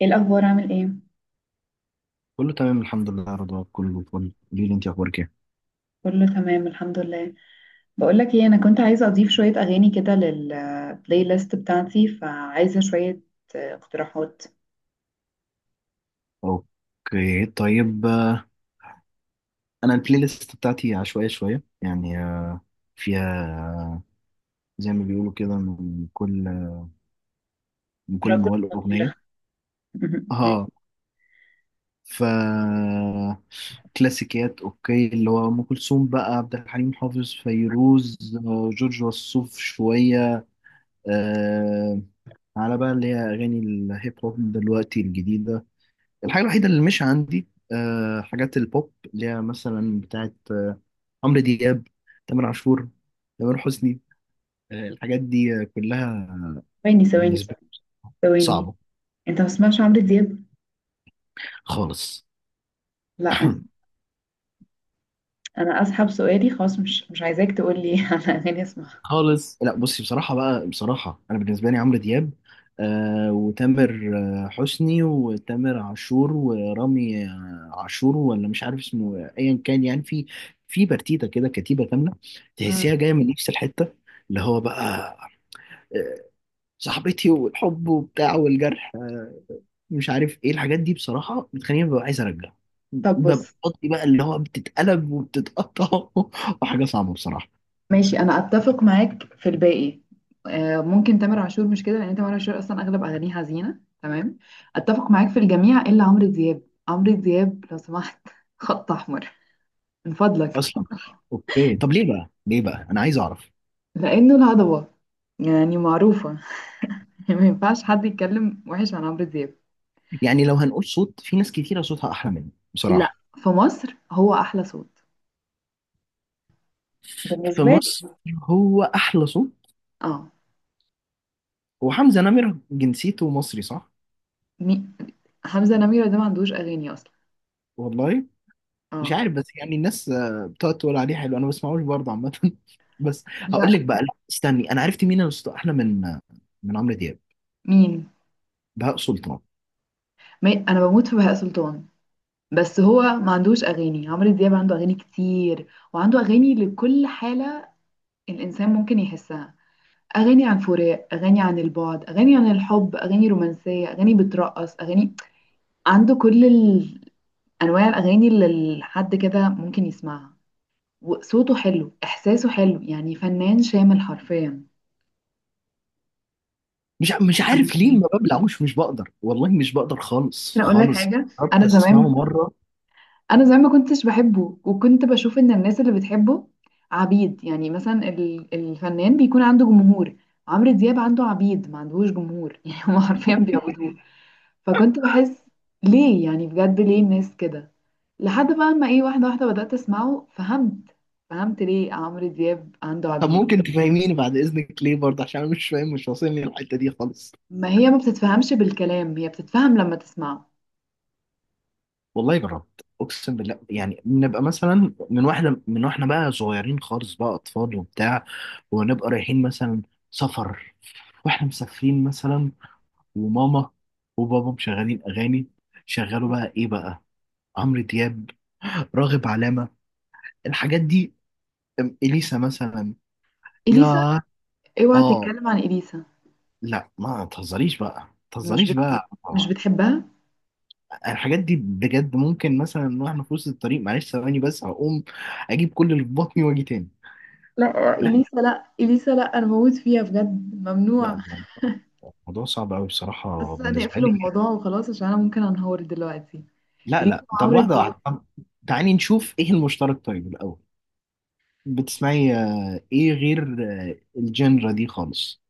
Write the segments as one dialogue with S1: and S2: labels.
S1: ايه الاخبار؟ عامل ايه؟
S2: كله تمام الحمد لله يا رضوى، كله فل. قولي لي انت اخبارك ايه؟
S1: كله تمام الحمد لله. بقول لك ايه، انا كنت عايزه اضيف شويه اغاني كده للبلاي ليست بتاعتي، فعايزه شويه اقتراحات.
S2: اوكي طيب. انا البلاي ليست بتاعتي عشوائيه شويه يعني، فيها، آه، زي ما بيقولوا كده، من كل
S1: رجل
S2: موال
S1: طويلة.
S2: اغنيه. اه ف كلاسيكيات، اوكي، اللي هو ام كلثوم بقى، عبد الحليم حافظ، فيروز، جورج وسوف، شويه، آه، على بقى اللي هي اغاني الهيب هوب دلوقتي الجديده. الحاجة الوحيدة اللي مش عندي حاجات البوب، اللي هي مثلا بتاعت، عمرو دياب، تامر عاشور، تامر حسني، الحاجات دي، كلها
S1: ثواني
S2: بالنسبة لي
S1: ثواني.
S2: صعبة،
S1: انت ما بتسمعش عمرو دياب؟
S2: خالص
S1: لا، انا اسحب سؤالي خلاص، مش عايزاك تقول لي على اغاني اسمعها.
S2: خالص. لا بصي، بصراحة بقى، بصراحة أنا بالنسبة لي عمرو دياب، وتامر، حسني، وتامر عاشور، ورامي، عاشور، ولا مش عارف اسمه، أيا كان يعني. في برتيتة كده، كتيبة كاملة، تحسيها
S1: مم.
S2: جاية من نفس الحتة، اللي هو بقى، آه، صاحبتي، والحب وبتاع، والجرح، مش عارف ايه الحاجات دي بصراحة. بتخليني ببقى عايز ارجع،
S1: طب
S2: ببقى
S1: بص.
S2: بطني بقى اللي هو بتتقلب وبتتقطع وحاجة صعبة بصراحة.
S1: ماشي، انا اتفق معاك في الباقي، ممكن تامر عاشور مش كده، لان تامر عاشور اصلا اغلب اغانيه حزينه، تمام. اتفق معاك في الجميع الا عمرو دياب. عمرو دياب لو سمحت خط احمر، من فضلك.
S2: اصلا. اوكي طب ليه بقى، ليه بقى، انا عايز اعرف.
S1: لانه الهضبه يعني، معروفه. ما ينفعش حد يتكلم وحش عن عمرو دياب.
S2: يعني لو هنقول صوت، في ناس كتيرة صوتها احلى مني
S1: لا،
S2: بصراحة.
S1: في مصر هو احلى صوت
S2: في
S1: بالنسبه لي.
S2: مصر هو احلى صوت.
S1: اه.
S2: هو حمزة نمرة جنسيته مصري، صح؟
S1: مي... حمزه نميره ده ما عندوش اغاني اصلا.
S2: والله مش
S1: اه.
S2: عارف، بس يعني الناس، بتقعد تقول عليه حلو، انا ما بسمعوش برضه عامه بس
S1: لا.
S2: هقول لك بقى، لا استني، انا عرفت مين الاسطى احلى من، من عمرو دياب.
S1: مين؟
S2: بهاء سلطان.
S1: ما... انا بموت في بهاء سلطان، بس هو ما عندوش اغاني. عمرو دياب عنده اغاني كتير، وعنده اغاني لكل حاله الانسان ممكن يحسها. اغاني عن فراق، اغاني عن البعد، اغاني عن الحب، اغاني رومانسيه، اغاني بترقص، اغاني، عنده كل انواع الاغاني اللي حد كده ممكن يسمعها. وصوته حلو، احساسه حلو، يعني فنان شامل حرفيا.
S2: مش عارف ليه
S1: ممكن
S2: ما ببلعوش، مش بقدر والله، مش بقدر خالص
S1: اقول لك
S2: خالص.
S1: حاجه. انا
S2: حتى اسمعه
S1: زمان،
S2: مره.
S1: انا زمان ما كنتش بحبه، وكنت بشوف ان الناس اللي بتحبه عبيد. يعني مثلا الفنان بيكون عنده جمهور، عمرو دياب عنده عبيد ما عندهوش جمهور. يعني هما حرفيا بيعبدوه. فكنت بحس ليه يعني، بجد ليه الناس كده؟ لحد بقى ما ايه، واحده واحده بدات اسمعه، فهمت. فهمت ليه عمرو دياب عنده
S2: طب
S1: عبيد.
S2: ممكن تفهميني بعد اذنك ليه برضه؟ عشان انا مش فاهم، مش واصلني الحته دي خالص.
S1: ما هي ما بتتفهمش بالكلام، هي بتتفهم لما تسمعه.
S2: والله جربت، اقسم بالله، يعني نبقى مثلا من واحنا بقى صغيرين خالص، بقى اطفال وبتاع، ونبقى رايحين مثلا سفر، واحنا مسافرين مثلا، وماما وبابا مشغلين اغاني. شغلوا بقى ايه بقى؟ عمرو دياب، راغب علامة، الحاجات دي، اليسا مثلا.
S1: اليسا.
S2: يا.
S1: اوعى
S2: اه.
S1: تتكلم عن اليسا.
S2: لا، ما تهزريش بقى، ما
S1: مش
S2: تهزريش
S1: بت...
S2: بقى.
S1: مش بتحبها.
S2: الحاجات دي بجد ممكن مثلا واحنا في وسط الطريق. معلش ثواني بس هقوم اجيب كل اللي في بطني واجي تاني.
S1: لا
S2: لا
S1: اليسا، لا اليسا، لا انا بموت فيها بجد،
S2: لا،
S1: ممنوع.
S2: الموضوع صعب قوي بصراحة
S1: حاسه ان
S2: بالنسبة
S1: اقفل
S2: لي.
S1: الموضوع وخلاص، عشان انا ممكن انهار دلوقتي.
S2: لا
S1: اليسا
S2: لا طب،
S1: وعمرو
S2: واحدة
S1: دياب.
S2: واحدة، طب تعالي نشوف ايه المشترك طيب الاول. بتسمعي ايه غير، الجنرا دي خالص؟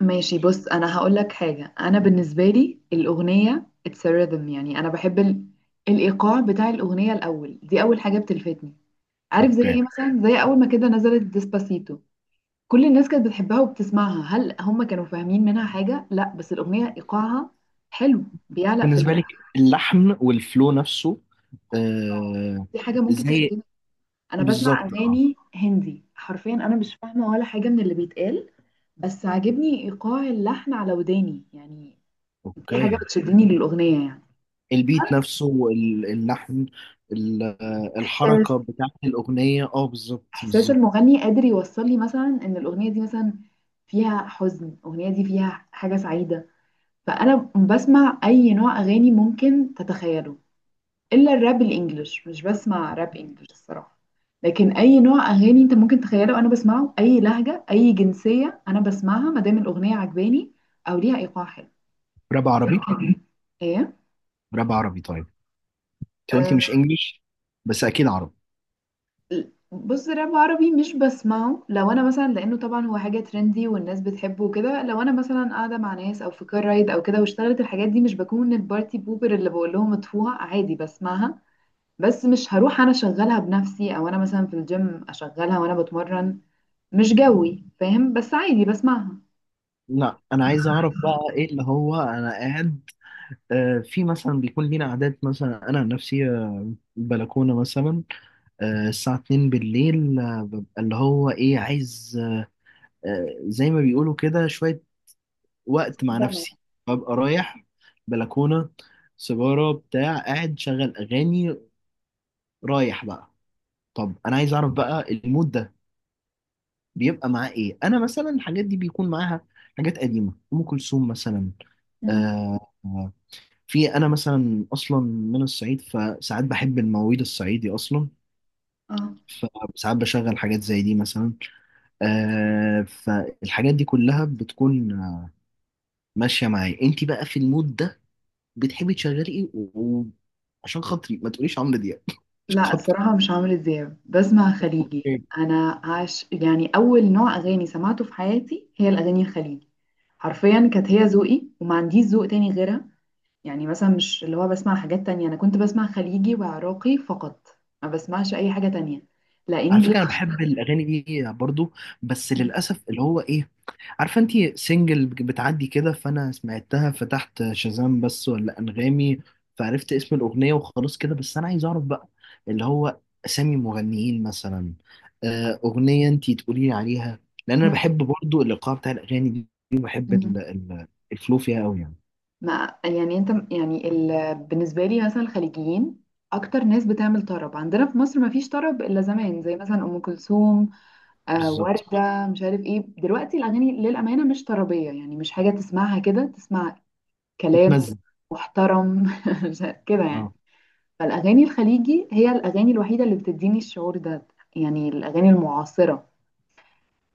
S1: ماشي بص، انا هقول لك حاجه. انا بالنسبه لي الاغنيه اتس ريذم، يعني انا بحب الايقاع بتاع الاغنيه الاول، دي اول حاجه بتلفتني. عارف زي
S2: اوكي.
S1: ايه؟ مثلا زي اول ما كده نزلت ديسباسيتو، كل الناس كانت بتحبها وبتسمعها. هل هم كانوا فاهمين منها حاجه؟ لا، بس الاغنيه ايقاعها حلو، بيعلق في
S2: بالنسبه لك اللحن والفلو نفسه،
S1: آه.
S2: آه
S1: دي حاجه ممكن
S2: زي،
S1: تشد. انا بسمع
S2: بالظبط.
S1: اغاني هندي حرفيا، انا مش فاهمه ولا حاجه من اللي بيتقال، بس عاجبني ايقاع اللحن على وداني يعني. دي حاجه
S2: اوكي.
S1: بتشدني للاغنيه يعني.
S2: البيت نفسه، اللحن،
S1: احساس،
S2: الحركه بتاعت الاغنيه، اه بالظبط
S1: احساس
S2: بالظبط.
S1: المغني قادر يوصل لي مثلا ان الاغنيه دي مثلا فيها حزن، الاغنيه دي فيها حاجه سعيده. فانا بسمع اي نوع اغاني ممكن تتخيله، الا الراب الانجليش، مش بسمع راب انجليش الصراحه. لكن اي نوع اغاني انت ممكن تخيله انا بسمعه، اي لهجه، اي جنسيه انا بسمعها، ما دام الاغنيه عجباني او ليها ايقاع حلو.
S2: راب عربي،
S1: ايه؟
S2: راب عربي طيب. انت قلتي مش
S1: آه،
S2: انجليش، بس اكيد عربي.
S1: بص، راب عربي مش بسمعه. لو انا مثلا، لانه طبعا هو حاجه ترندي والناس بتحبه وكده، لو انا مثلا قاعده مع ناس او في كار رايد او كده واشتغلت الحاجات دي، مش بكون البارتي بوبر اللي بقول لهم اطفوها، عادي بسمعها. بس مش هروح انا اشغلها بنفسي، او انا مثلا في الجيم اشغلها وانا بتمرن. مش جوي فاهم، بس عادي بسمعها.
S2: لا انا عايز اعرف بقى ايه اللي هو، انا قاعد، في مثلا بيكون لينا عادات، مثلا انا عن نفسي، بلكونه مثلا، الساعة 2 بالليل، ببقى اللي هو إيه عايز، زي ما بيقولوا كده، شوية وقت مع
S1: مفضلة.
S2: نفسي. ببقى رايح بلكونة، سيجارة بتاع، قاعد شغل أغاني رايح بقى. طب أنا عايز أعرف بقى المود ده بيبقى معاه إيه. أنا مثلا الحاجات دي بيكون معاها حاجات قديمة، أم كلثوم مثلا،
S1: مم.
S2: آه، آه، في أنا مثلا أصلا من الصعيد، فساعات بحب المواويل الصعيدي أصلا،
S1: اه،
S2: فساعات بشغل حاجات زي دي مثلا، فالحاجات دي كلها بتكون، ماشية معايا. انت بقى في المود ده بتحبي تشغلي ايه و- وعشان خاطري ما تقوليش عمرو دياب عشان
S1: لا الصراحة مش عمرو دياب، بسمع خليجي.
S2: خاطري.
S1: أنا عاش يعني، أول نوع أغاني سمعته في حياتي هي الأغاني الخليجي، حرفيا كانت هي ذوقي وما عنديش ذوق تاني غيرها. يعني مثلا مش اللي هو بسمع حاجات تانية، أنا كنت بسمع خليجي وعراقي فقط، ما بسمعش أي حاجة تانية. لا.
S2: على فكرة أنا بحب الأغاني دي برضو، بس للأسف اللي هو إيه، عارفة أنت سنجل بتعدي كده، فأنا سمعتها، فتحت شازام بس ولا أنغامي، فعرفت اسم الأغنية وخلاص كده. بس أنا عايز أعرف بقى اللي هو أسامي مغنيين مثلا، أغنية أنت تقولي لي عليها، لأن أنا بحب برضو الإيقاع بتاع الأغاني دي، وبحب
S1: إنجليش.
S2: الفلو فيها أوي يعني.
S1: ما يعني انت يعني بالنسبه لي مثلا، الخليجيين اكتر ناس بتعمل طرب. عندنا في مصر ما فيش طرب الا زمان، زي مثلا ام كلثوم، آه
S2: بالظبط.
S1: ورده، مش عارف ايه. دلوقتي الاغاني للامانه مش طربيه، يعني مش حاجه تسمعها كده تسمع كلام
S2: تتمزج.
S1: محترم. مش عارف- كده
S2: أه
S1: يعني. فالاغاني الخليجي هي الاغاني الوحيده اللي بتديني الشعور ده، يعني الاغاني المعاصره.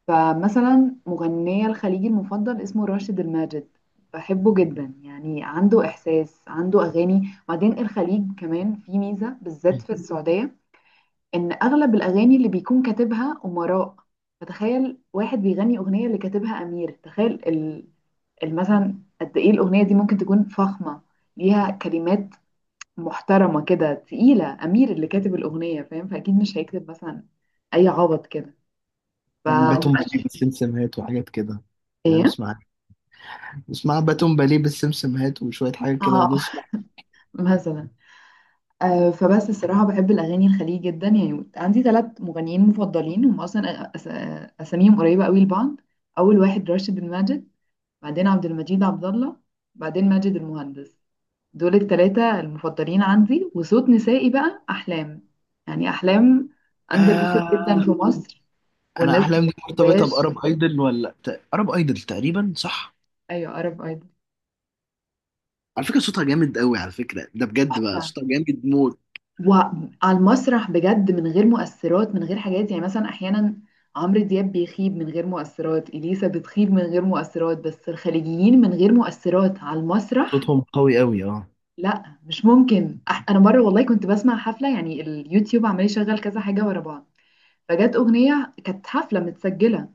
S1: فمثلا مغنية الخليجي المفضل اسمه راشد الماجد، بحبه جدا، يعني عنده إحساس عنده أغاني. وبعدين الخليج كمان في ميزة، بالذات في السعودية، إن أغلب الأغاني اللي بيكون كاتبها أمراء. فتخيل واحد بيغني أغنية اللي كاتبها أمير، تخيل مثلا قد إيه الأغنية دي ممكن تكون فخمة، ليها كلمات محترمة كده، تقيلة. أمير اللي كاتب الأغنية فاهم، فأكيد مش هيكتب مثلا أي عبط كده. ف الله.
S2: باتون بيبي، سمسمهات وحاجات كده، يعني أنا
S1: إيه؟
S2: بسمع اسمها باتون باليه بالسمسمهات وشوية حاجات كده
S1: اه.
S2: بنسمع.
S1: مثلا. آه، فبس الصراحة بحب الأغاني الخليجي جدا. يعني عندي ثلاث مغنيين مفضلين، هم أصلا أساميهم قريبة قوي لبعض. أول واحد راشد الماجد، بعدين عبد المجيد عبد الله، بعدين ماجد المهندس. دول الثلاثة المفضلين عندي. وصوت نسائي بقى أحلام. يعني أحلام أندر ريتد جدا
S2: ياه.
S1: في مصر،
S2: أنا
S1: والناس ما
S2: أحلامي دي مرتبطة
S1: بتحبهاش.
S2: بأرب أيدل، ولا أرب أيدل تقريبا، صح؟
S1: أيوة، عرب أيضا.
S2: على فكرة صوتها جامد قوي، على فكرة ده بجد بقى، صوتها جامد موت.
S1: وعلى المسرح بجد، من غير مؤثرات، من غير حاجات. يعني مثلا احيانا عمرو دياب بيخيب من غير مؤثرات، اليسا بتخيب من غير مؤثرات، بس الخليجيين من غير مؤثرات على المسرح.
S2: صوتهم قوي قوي اه
S1: لا مش ممكن. انا مره والله كنت بسمع حفله، يعني اليوتيوب عمال يشغل كذا حاجه ورا بعض، فجت اغنيه كانت حفله متسجله،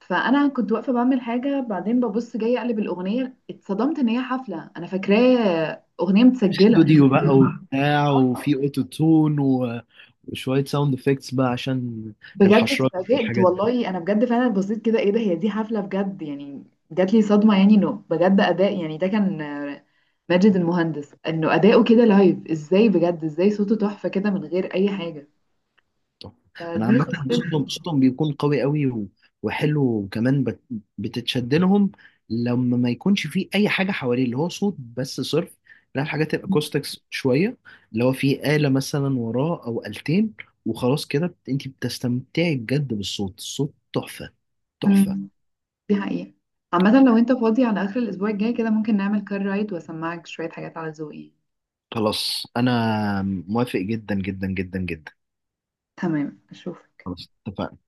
S1: فانا كنت واقفه بعمل حاجه، بعدين ببص جاي اقلب الاغنيه، اتصدمت ان هي حفله، انا فاكراه اغنيه
S2: في
S1: متسجله.
S2: استوديو بقى وبتاع، وفي اوتو تون و... وشوية ساوند افكتس بقى عشان
S1: بجد
S2: الحشرات
S1: اتفاجئت
S2: والحاجات.
S1: والله، انا بجد فعلا بصيت كده، ايه ده، هي دي حفله بجد يعني؟ جات لي صدمه يعني، انه بجد اداء. يعني ده كان ماجد المهندس، انه اداؤه كده لايف ازاي بجد، ازاي صوته تحفه كده من غير اي حاجه.
S2: انا
S1: فدي
S2: عامه
S1: خسرت.
S2: صوتهم بيكون قوي قوي، وحلو، وكمان بتتشد لهم لما ما يكونش فيه اي حاجه حواليه، اللي هو صوت بس صرف. لا الحاجات الاكوستكس شويه، اللي هو فيه آلة مثلا وراه او آلتين، وخلاص كده انت بتستمتعي بجد بالصوت. الصوت تحفه تحفه.
S1: مم. دي حقيقه. عامه لو انت فاضي على اخر الاسبوع الجاي كده، ممكن نعمل كار رايد واسمعك شويه حاجات على ذوقي.
S2: خلاص، انا موافق جدا جدا جدا جدا.
S1: تمام، اشوفك.
S2: خلاص اتفقنا.